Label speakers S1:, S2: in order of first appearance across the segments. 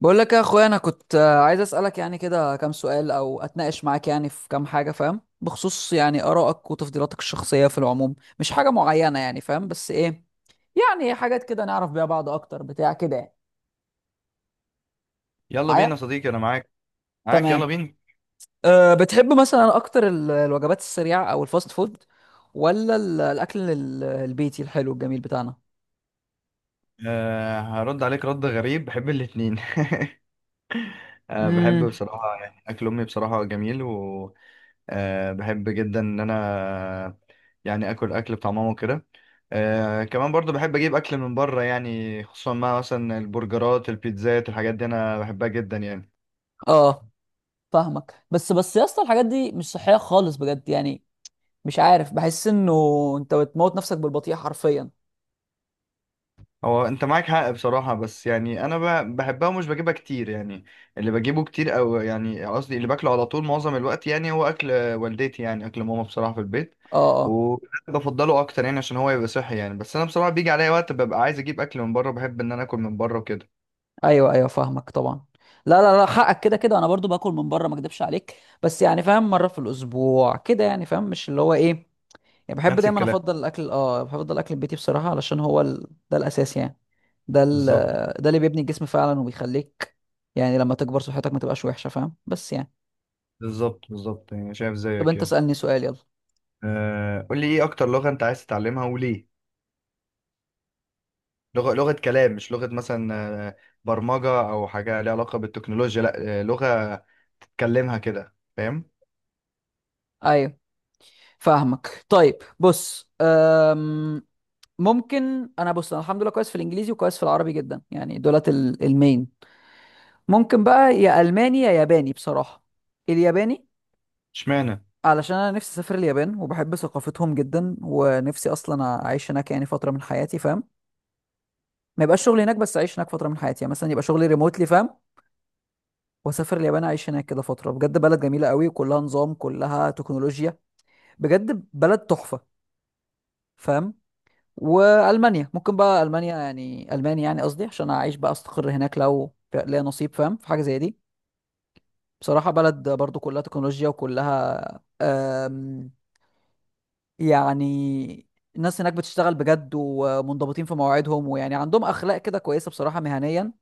S1: بقول لك يا اخويا انا كنت عايز اسالك يعني كده كام سؤال او اتناقش معاك يعني في كام حاجه، فاهم؟ بخصوص يعني ارائك وتفضيلاتك الشخصيه في العموم، مش حاجه معينه يعني، فاهم؟ بس ايه، يعني حاجات كده نعرف بيها بعض اكتر بتاع كده يعني.
S2: يلا بينا
S1: معايا؟
S2: يا صديقي، انا معاك. معاك، يلا
S1: تمام.
S2: بينا.
S1: أه، بتحب مثلا اكتر الوجبات السريعه او الفاست فود، ولا الاكل البيتي الحلو الجميل بتاعنا؟
S2: هرد عليك رد غريب، بحب الاتنين. بحب
S1: امم.
S2: بصراحة، يعني اكل امي بصراحة جميل. و بحب جدا ان انا، يعني اكل بتاع ماما وكده. كمان برضو بحب اجيب اكل من بره، يعني خصوصا مع مثلا البرجرات البيتزات الحاجات دي انا بحبها جدا يعني.
S1: اه، فاهمك. بس يا اسطى الحاجات دي مش صحيه خالص بجد يعني. مش عارف، بحس انه انت بتموت نفسك بالبطيء حرفيا.
S2: هو انت معاك حق بصراحة، بس يعني انا بحبها ومش بجيبها كتير يعني. اللي بجيبه كتير، او يعني قصدي اللي باكله على طول معظم الوقت، يعني هو اكل والدتي، يعني اكل ماما بصراحة في البيت.
S1: اه اه،
S2: وبفضله اكتر يعني عشان هو يبقى صحي يعني. بس انا بصراحة بيجي عليا وقت ببقى عايز اجيب اكل من بره، بحب ان انا اكل من بره وكده.
S1: ايوه ايوه فاهمك طبعا. لا لا لا، حقك، كده كده انا برضو باكل من بره، ما اكدبش عليك. بس يعني فاهم، مره في الاسبوع كده يعني، فاهم؟ مش اللي هو ايه يعني. بحب
S2: نفس
S1: دايما
S2: الكلام.
S1: افضل الاكل، اه بفضل الاكل البيتي بصراحه، علشان هو ده الاساس يعني. ده ال...
S2: بالظبط.
S1: ده اللي بيبني الجسم فعلا، وبيخليك يعني لما تكبر صحتك ما تبقاش وحشه، فاهم؟ بس يعني.
S2: بالظبط بالظبط، يعني شايف
S1: طب
S2: زيك
S1: انت
S2: كده.
S1: اسالني سؤال، يلا.
S2: قول لي ايه اكتر لغة انت عايز تتعلمها وليه؟ لغة لغة كلام، مش لغة مثلا آه، برمجة او حاجة ليها علاقة بالتكنولوجيا، لا، لغة كلمها كده فاهم.
S1: ايوه فاهمك. طيب بص، ممكن انا، بص انا الحمد لله كويس في الانجليزي وكويس في العربي جدا يعني، دولت المين. ممكن بقى يا الماني يا ياباني بصراحه. الياباني
S2: اشمعنى؟
S1: علشان انا نفسي اسافر اليابان، وبحب ثقافتهم جدا، ونفسي اصلا اعيش هناك يعني فتره من حياتي، فاهم؟ ما يبقاش شغلي هناك، بس اعيش هناك فتره من حياتي، يعني مثلا يبقى شغلي ريموتلي، فاهم؟ واسافر اليابان اعيش هناك كده فتره. بجد بلد جميله قوي، كلها نظام كلها تكنولوجيا، بجد بلد تحفه، فاهم؟ والمانيا ممكن بقى، المانيا يعني، المانيا يعني قصدي عشان اعيش بقى، استقر هناك لو ليا نصيب، فاهم؟ في حاجه زي دي. بصراحه بلد برضو كلها تكنولوجيا وكلها، آم، يعني الناس هناك بتشتغل بجد، ومنضبطين في مواعيدهم، ويعني عندهم اخلاق كده كويسه بصراحه مهنيا،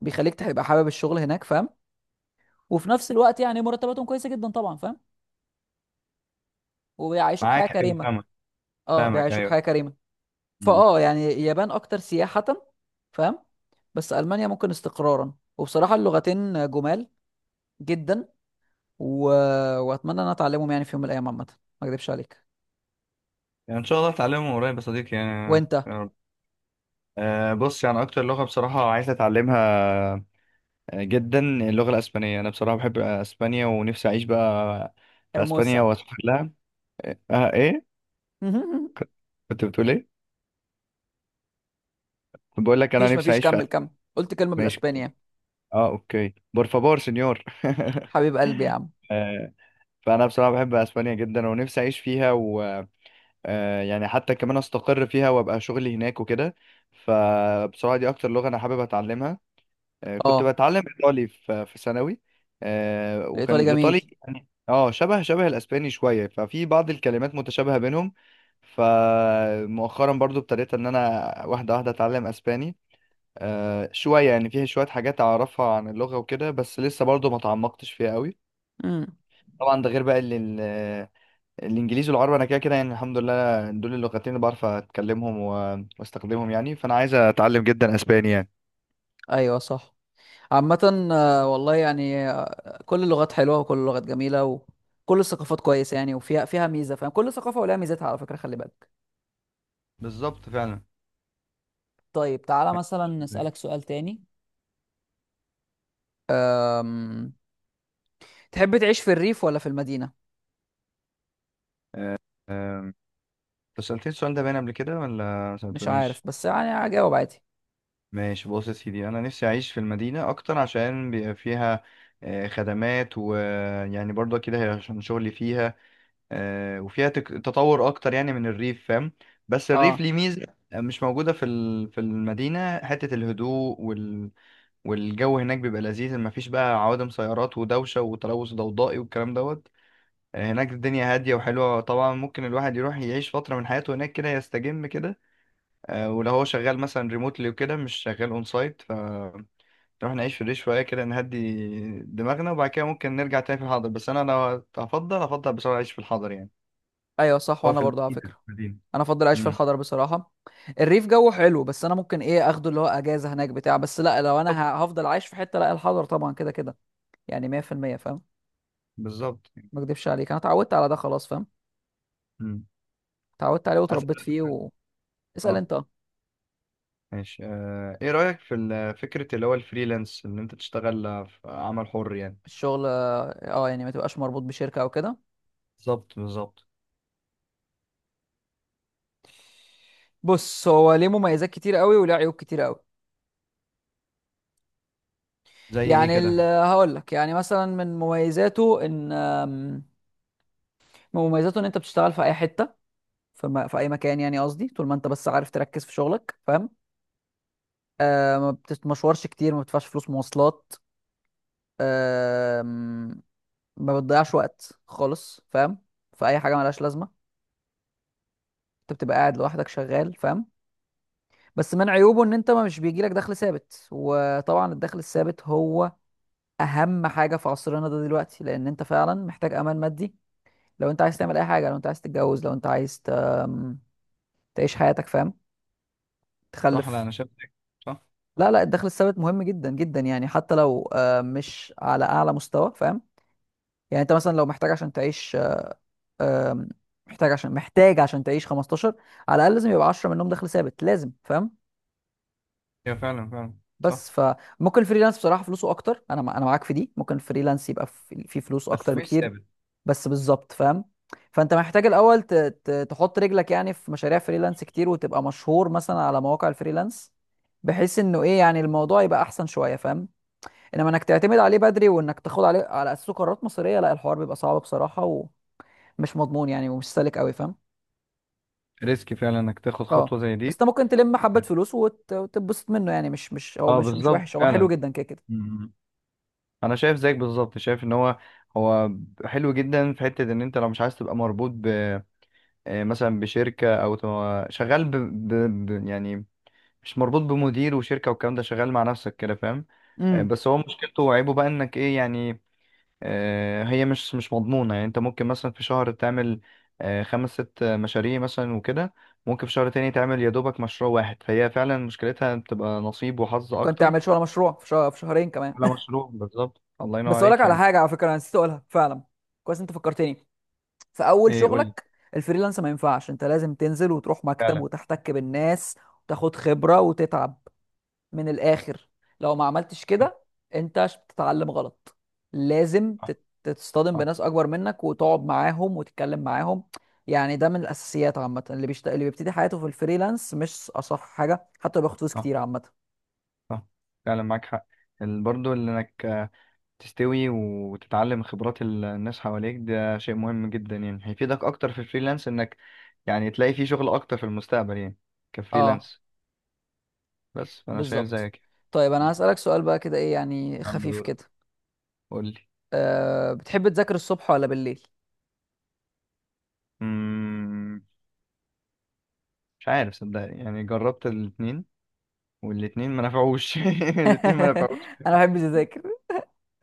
S1: بيخليك تبقى حابب الشغل هناك، فاهم؟ وفي نفس الوقت يعني مرتباتهم كويسه جدا طبعا، فاهم؟ وبيعيشوك
S2: معاك،
S1: حياه
S2: ايوه
S1: كريمه.
S2: فاهمك.
S1: اه
S2: فاهمك،
S1: بيعيشوك
S2: ايوه.
S1: حياه كريمه.
S2: مم.
S1: فاه، يعني اليابان اكتر سياحة، فاهم؟ بس المانيا ممكن استقرارا. وبصراحة اللغتين جمال جدا، و... واتمنى ان أنا اتعلمهم يعني في يوم من الايام عامة، ما اكذبش عليك.
S2: يعني ان شاء الله اتعلمهم قريب يا صديقي يعني.
S1: وانت؟
S2: يا رب. بص يعني اكتر لغه بصراحه عايز اتعلمها جدا اللغه الاسبانيه. انا بصراحه بحب اسبانيا ونفسي اعيش بقى في اسبانيا
S1: ارموسا.
S2: واسافر لها. اه ايه كنت بتقول ايه؟ كنت بقول لك انا
S1: مفيش
S2: نفسي
S1: مفيش،
S2: اعيش في
S1: كمل
S2: أسبانيا.
S1: كمل. قلت كلمة
S2: ماشي.
S1: بالاسباني يعني.
S2: اه اوكي، بور فابور سنيور.
S1: حبيب قلبي يا عم.
S2: آه، فانا بصراحه بحب اسبانيا جدا ونفسي اعيش فيها يعني حتى كمان استقر فيها وابقى شغلي هناك وكده. فبصراحه دي اكتر لغه انا حابب اتعلمها. كنت
S1: اه،
S2: بتعلم ايطالي في ثانوي.
S1: الايطالي
S2: وكان
S1: جميل.
S2: الايطالي يعني شبه الاسباني شويه، ففي بعض الكلمات متشابهه بينهم. فمؤخرا برضو ابتديت ان انا واحده واحده اتعلم اسباني شويه، يعني فيه شويه حاجات اعرفها عن اللغه وكده، بس لسه برضو ما تعمقتش فيها قوي.
S1: امم.
S2: طبعا ده غير بقى الانجليزي والعربي، انا كده كده يعني الحمد لله دول اللغتين اللي بعرف اتكلمهم واستخدمهم يعني، فانا عايز اتعلم جدا اسباني يعني.
S1: ايوه صح. عامة والله يعني، كل اللغات حلوة وكل اللغات جميلة وكل الثقافات كويسة يعني، وفيها فيها ميزة، فاهم؟ كل ثقافة ولها ميزتها، على فكرة خلي بالك.
S2: بالظبط فعلا.
S1: طيب تعالى مثلا نسألك سؤال تاني. أم... تحب تعيش في الريف ولا في المدينة؟
S2: أم، انت سألتني السؤال ده باين قبل كده ولا ما
S1: مش
S2: سألتونيش؟
S1: عارف، بس يعني هجاوب عادي.
S2: ماشي، بص يا سيدي، انا نفسي اعيش في المدينة اكتر عشان بيبقى فيها خدمات، ويعني برضه كده عشان شغلي فيها وفيها تطور اكتر يعني من الريف فاهم. بس الريف
S1: اه،
S2: ليه ميزه مش موجوده في في المدينه، حته الهدوء والجو هناك بيبقى لذيذ، مفيش بقى عوادم سيارات ودوشه وتلوث ضوضائي والكلام دوت. هناك الدنيا هاديه وحلوه، طبعا ممكن الواحد يروح يعيش فتره من حياته هناك كده يستجم كده ولو هو شغال مثلا ريموتلي وكده مش شغال اون سايت، ف نروح نعيش في الريف شويه كده نهدي دماغنا، وبعد كده ممكن نرجع تاني في الحاضر. بس انا لو هفضل، هفضل بصراحه اعيش في الحاضر يعني،
S1: ايوه صح.
S2: هو
S1: وانا
S2: في
S1: برضه على
S2: المدينة في
S1: فكرة
S2: المدينة.
S1: انا افضل اعيش في
S2: امم.
S1: الحضر بصراحة. الريف جو حلو، بس انا ممكن ايه اخده اللي هو اجازة هناك بتاع، بس لا، لو انا
S2: بالظبط.
S1: هفضل عايش في حتة لا الحضر طبعا، كده كده يعني 100%، فاهم؟
S2: بالظبط.
S1: ما اكدبش عليك، انا اتعودت على ده خلاص، فاهم؟
S2: امم.
S1: اتعودت عليه واتربيت
S2: أسأل.
S1: فيه اسأل
S2: اه.
S1: انت.
S2: ماشي ايه رأيك في فكرة اللي هو الفريلانس، ان انت تشتغل في عمل حر يعني؟
S1: الشغل، اه يعني ما تبقاش مربوط بشركة او كده.
S2: بالظبط بالظبط.
S1: بص هو ليه مميزات كتير قوي، وليه عيوب كتير قوي.
S2: زي ايه
S1: يعني
S2: كده؟
S1: هقول لك يعني، مثلا من مميزاته ان من مميزاته ان انت بتشتغل في اي حته، في, في اي مكان، يعني قصدي طول ما انت بس عارف تركز في شغلك، فاهم؟ آه، ما بتتمشورش كتير، ما بتدفعش فلوس مواصلات، آه، ما بتضيعش وقت خالص، فاهم؟ في اي حاجه ملهاش لازمه. انت بتبقى قاعد لوحدك شغال، فاهم؟ بس من عيوبه ان انت ما، مش بيجيلك دخل ثابت. وطبعا الدخل الثابت هو اهم حاجه في عصرنا ده دلوقتي، لان انت فعلا محتاج امان مادي. لو انت عايز تعمل اي حاجه، لو انت عايز تتجوز، لو انت عايز ت... أم، تعيش حياتك، فاهم؟
S2: صح، لا
S1: تخلف.
S2: انا شايف كده. صح.
S1: لا لا، الدخل الثابت مهم جدا جدا يعني، حتى لو مش على اعلى مستوى، فاهم؟ يعني انت مثلا لو محتاج عشان تعيش آه، آم، محتاج عشان تعيش 15، على الاقل لازم يبقى 10 منهم دخل ثابت لازم، فاهم؟
S2: هي فعلا فعلا. صح،
S1: بس فممكن الفريلانس بصراحه فلوسه اكتر، انا انا معاك في دي. ممكن الفريلانس يبقى في، في فلوس اكتر
S2: بس مش
S1: بكتير.
S2: ثابت.
S1: بس بالظبط، فاهم؟ فانت محتاج الاول تحط رجلك يعني في مشاريع فريلانس كتير، وتبقى مشهور مثلا على مواقع الفريلانس، بحيث انه ايه يعني، الموضوع يبقى احسن شويه، فاهم؟ انما انك تعتمد عليه بدري، وانك تاخد عليه على اساسه قرارات مصيريه، لا، الحوار بيبقى صعب بصراحه، ومش مضمون يعني، ومش سالك قوي، فاهم؟
S2: ريسك فعلا انك تاخد
S1: اه.
S2: خطوة زي
S1: بس
S2: دي.
S1: انت ممكن تلم حبه فلوس وتتبسط منه يعني، مش مش هو،
S2: اه
S1: مش مش
S2: بالظبط
S1: وحش، هو حلو
S2: فعلا.
S1: جدا كده كده.
S2: مم. انا شايف زيك بالظبط، شايف ان هو، هو حلو جدا في حتة ان انت لو مش عايز تبقى مربوط مثلا بشركة أو شغال يعني مش مربوط بمدير وشركة والكلام ده، شغال مع نفسك كده فاهم
S1: امم.
S2: بس هو مشكلته وعيبه بقى إنك إيه يعني هي مش مضمونة. يعني أنت ممكن مثلا في شهر تعمل خمس ست مشاريع مثلا وكده، ممكن في شهر تاني تعمل يا دوبك مشروع واحد، فهي فعلا مشكلتها بتبقى نصيب وحظ
S1: ممكن
S2: أكتر
S1: تعمل شغل مشروع في في شهرين كمان.
S2: على مشروع، بالظبط الله ينور
S1: بس اقول لك
S2: عليك
S1: على
S2: يعني.
S1: حاجه، على فكره انا نسيت اقولها فعلا، كويس انت فكرتني. في اول
S2: إيه قول لي؟
S1: شغلك الفريلانس ما ينفعش، انت لازم تنزل وتروح مكتب
S2: فعلا.
S1: وتحتك بالناس، وتاخد خبرة وتتعب، من الاخر. لو ما عملتش
S2: صح.
S1: كده انت بتتعلم غلط. لازم
S2: صح
S1: تتصطدم بناس اكبر منك، وتقعد معاهم وتتكلم معاهم. يعني ده من الاساسيات عامة، اللي بيبتدي حياته في الفريلانس مش اصح حاجة، حتى لو بياخد فلوس
S2: صح
S1: كتير عامة.
S2: صح. فعلا معاك حق، برضو اللي انك تستوي وتتعلم خبرات الناس حواليك ده شيء مهم جدا يعني، هيفيدك اكتر في الفريلانس انك يعني تلاقي فيه شغل اكتر في المستقبل يعني
S1: اه
S2: كفريلانس. بس فانا شايف
S1: بالظبط.
S2: زيك
S1: طيب انا
S2: يعني.
S1: هسألك سؤال بقى كده، ايه يعني
S2: يلا
S1: خفيف
S2: دورك،
S1: كده.
S2: قول لي.
S1: أه، بتحب تذاكر الصبح ولا بالليل؟
S2: مم، مش عارف صدقني، يعني جربت الاثنين والاثنين ما نفعوش. الاثنين ما نفعوش.
S1: انا ما بحبش اذاكر،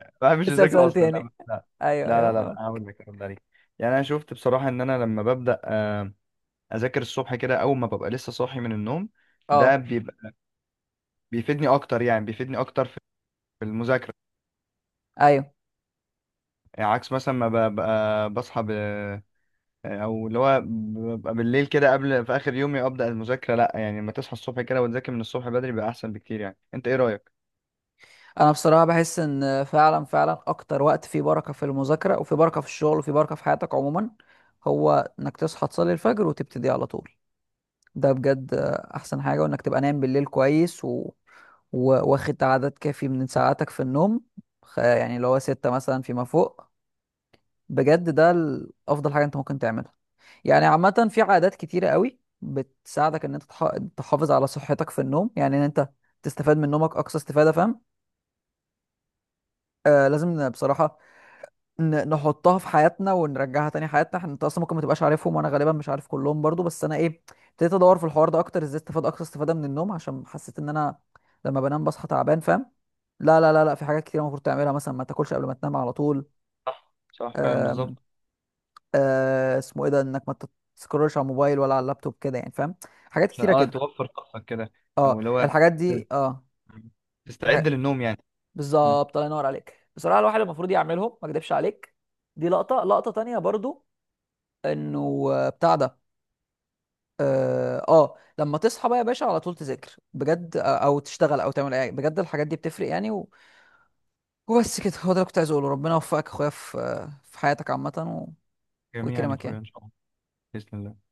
S2: ما بحبش
S1: اسال
S2: اذاكر
S1: سؤال
S2: اصلا، لا
S1: تاني.
S2: لا.
S1: ايوه
S2: لا لا
S1: ايوه
S2: لا لا،
S1: فاهم.
S2: هقول لك هرد عليك. يعني انا شفت بصراحه ان انا لما ببدا اذاكر الصبح كده اول ما ببقى لسه صاحي من النوم، ده
S1: اه
S2: بيبقى بيفيدني اكتر، يعني بيفيدني اكتر في المذاكره،
S1: ايوه،
S2: يعني عكس مثلا ما ببقى بصحى او اللي هو ببقى بالليل كده قبل في اخر يومي ابدا المذاكره، لا. يعني لما تصحى الصبح كده وتذاكر من الصبح بدري بقى احسن بكتير يعني، انت ايه رايك؟
S1: انا بصراحه بحس ان فعلا فعلا اكتر وقت فيه بركه في المذاكره، وفي بركه في الشغل، وفي بركه في حياتك عموما، هو انك تصحى تصلي الفجر وتبتدي على طول. ده بجد احسن حاجه. وانك تبقى نايم بالليل كويس واخد عدد كافي من ساعاتك في النوم، يعني اللي هو ستة مثلا فيما فوق. بجد ده افضل حاجه انت ممكن تعملها. يعني عامة في عادات كتيرة قوي بتساعدك ان انت تحافظ على صحتك في النوم، يعني ان انت تستفاد من نومك اقصى استفادة، فاهم؟ آه لازم بصراحة نحطها في حياتنا ونرجعها تاني حياتنا احنا. انت اصلا ممكن ما تبقاش عارفهم، وانا غالبا مش عارف كلهم برضو، بس انا ايه، ابتديت ادور في الحوار ده اكتر، ازاي استفاد اقصى استفادة من النوم، عشان حسيت ان انا لما بنام بصحى تعبان، فاهم؟ لا لا لا لا، في حاجات كتير المفروض تعملها، مثلا ما تاكلش قبل ما تنام على طول.
S2: صح صح فعلا
S1: آم،
S2: بالظبط.
S1: آه اسمه ايه ده، انك ما تسكرولش على الموبايل ولا على اللابتوب كده يعني، فاهم؟ حاجات
S2: عشان
S1: كتيرة كده.
S2: توفر طاقتك كده، او
S1: اه
S2: اللي هو
S1: الحاجات
S2: تس-
S1: دي اه.
S2: تستعد
S1: الحاجات...
S2: للنوم يعني. مم.
S1: بالظبط، الله ينور عليك بصراحه، الواحد المفروض يعملهم، ما اكدبش عليك. دي لقطه، لقطه تانية برضو، انه بتاع ده، اه لما تصحى بقى يا باشا على طول تذاكر بجد، او تشتغل او تعمل اي بجد، الحاجات دي بتفرق يعني وبس كده. هو ده اللي كنت عايز اقوله، ربنا يوفقك يا اخويا في في حياتك عامه، و
S2: جميعا يا
S1: ويكرمك
S2: اخويا ان
S1: يعني.
S2: شاء الله. باذن الله.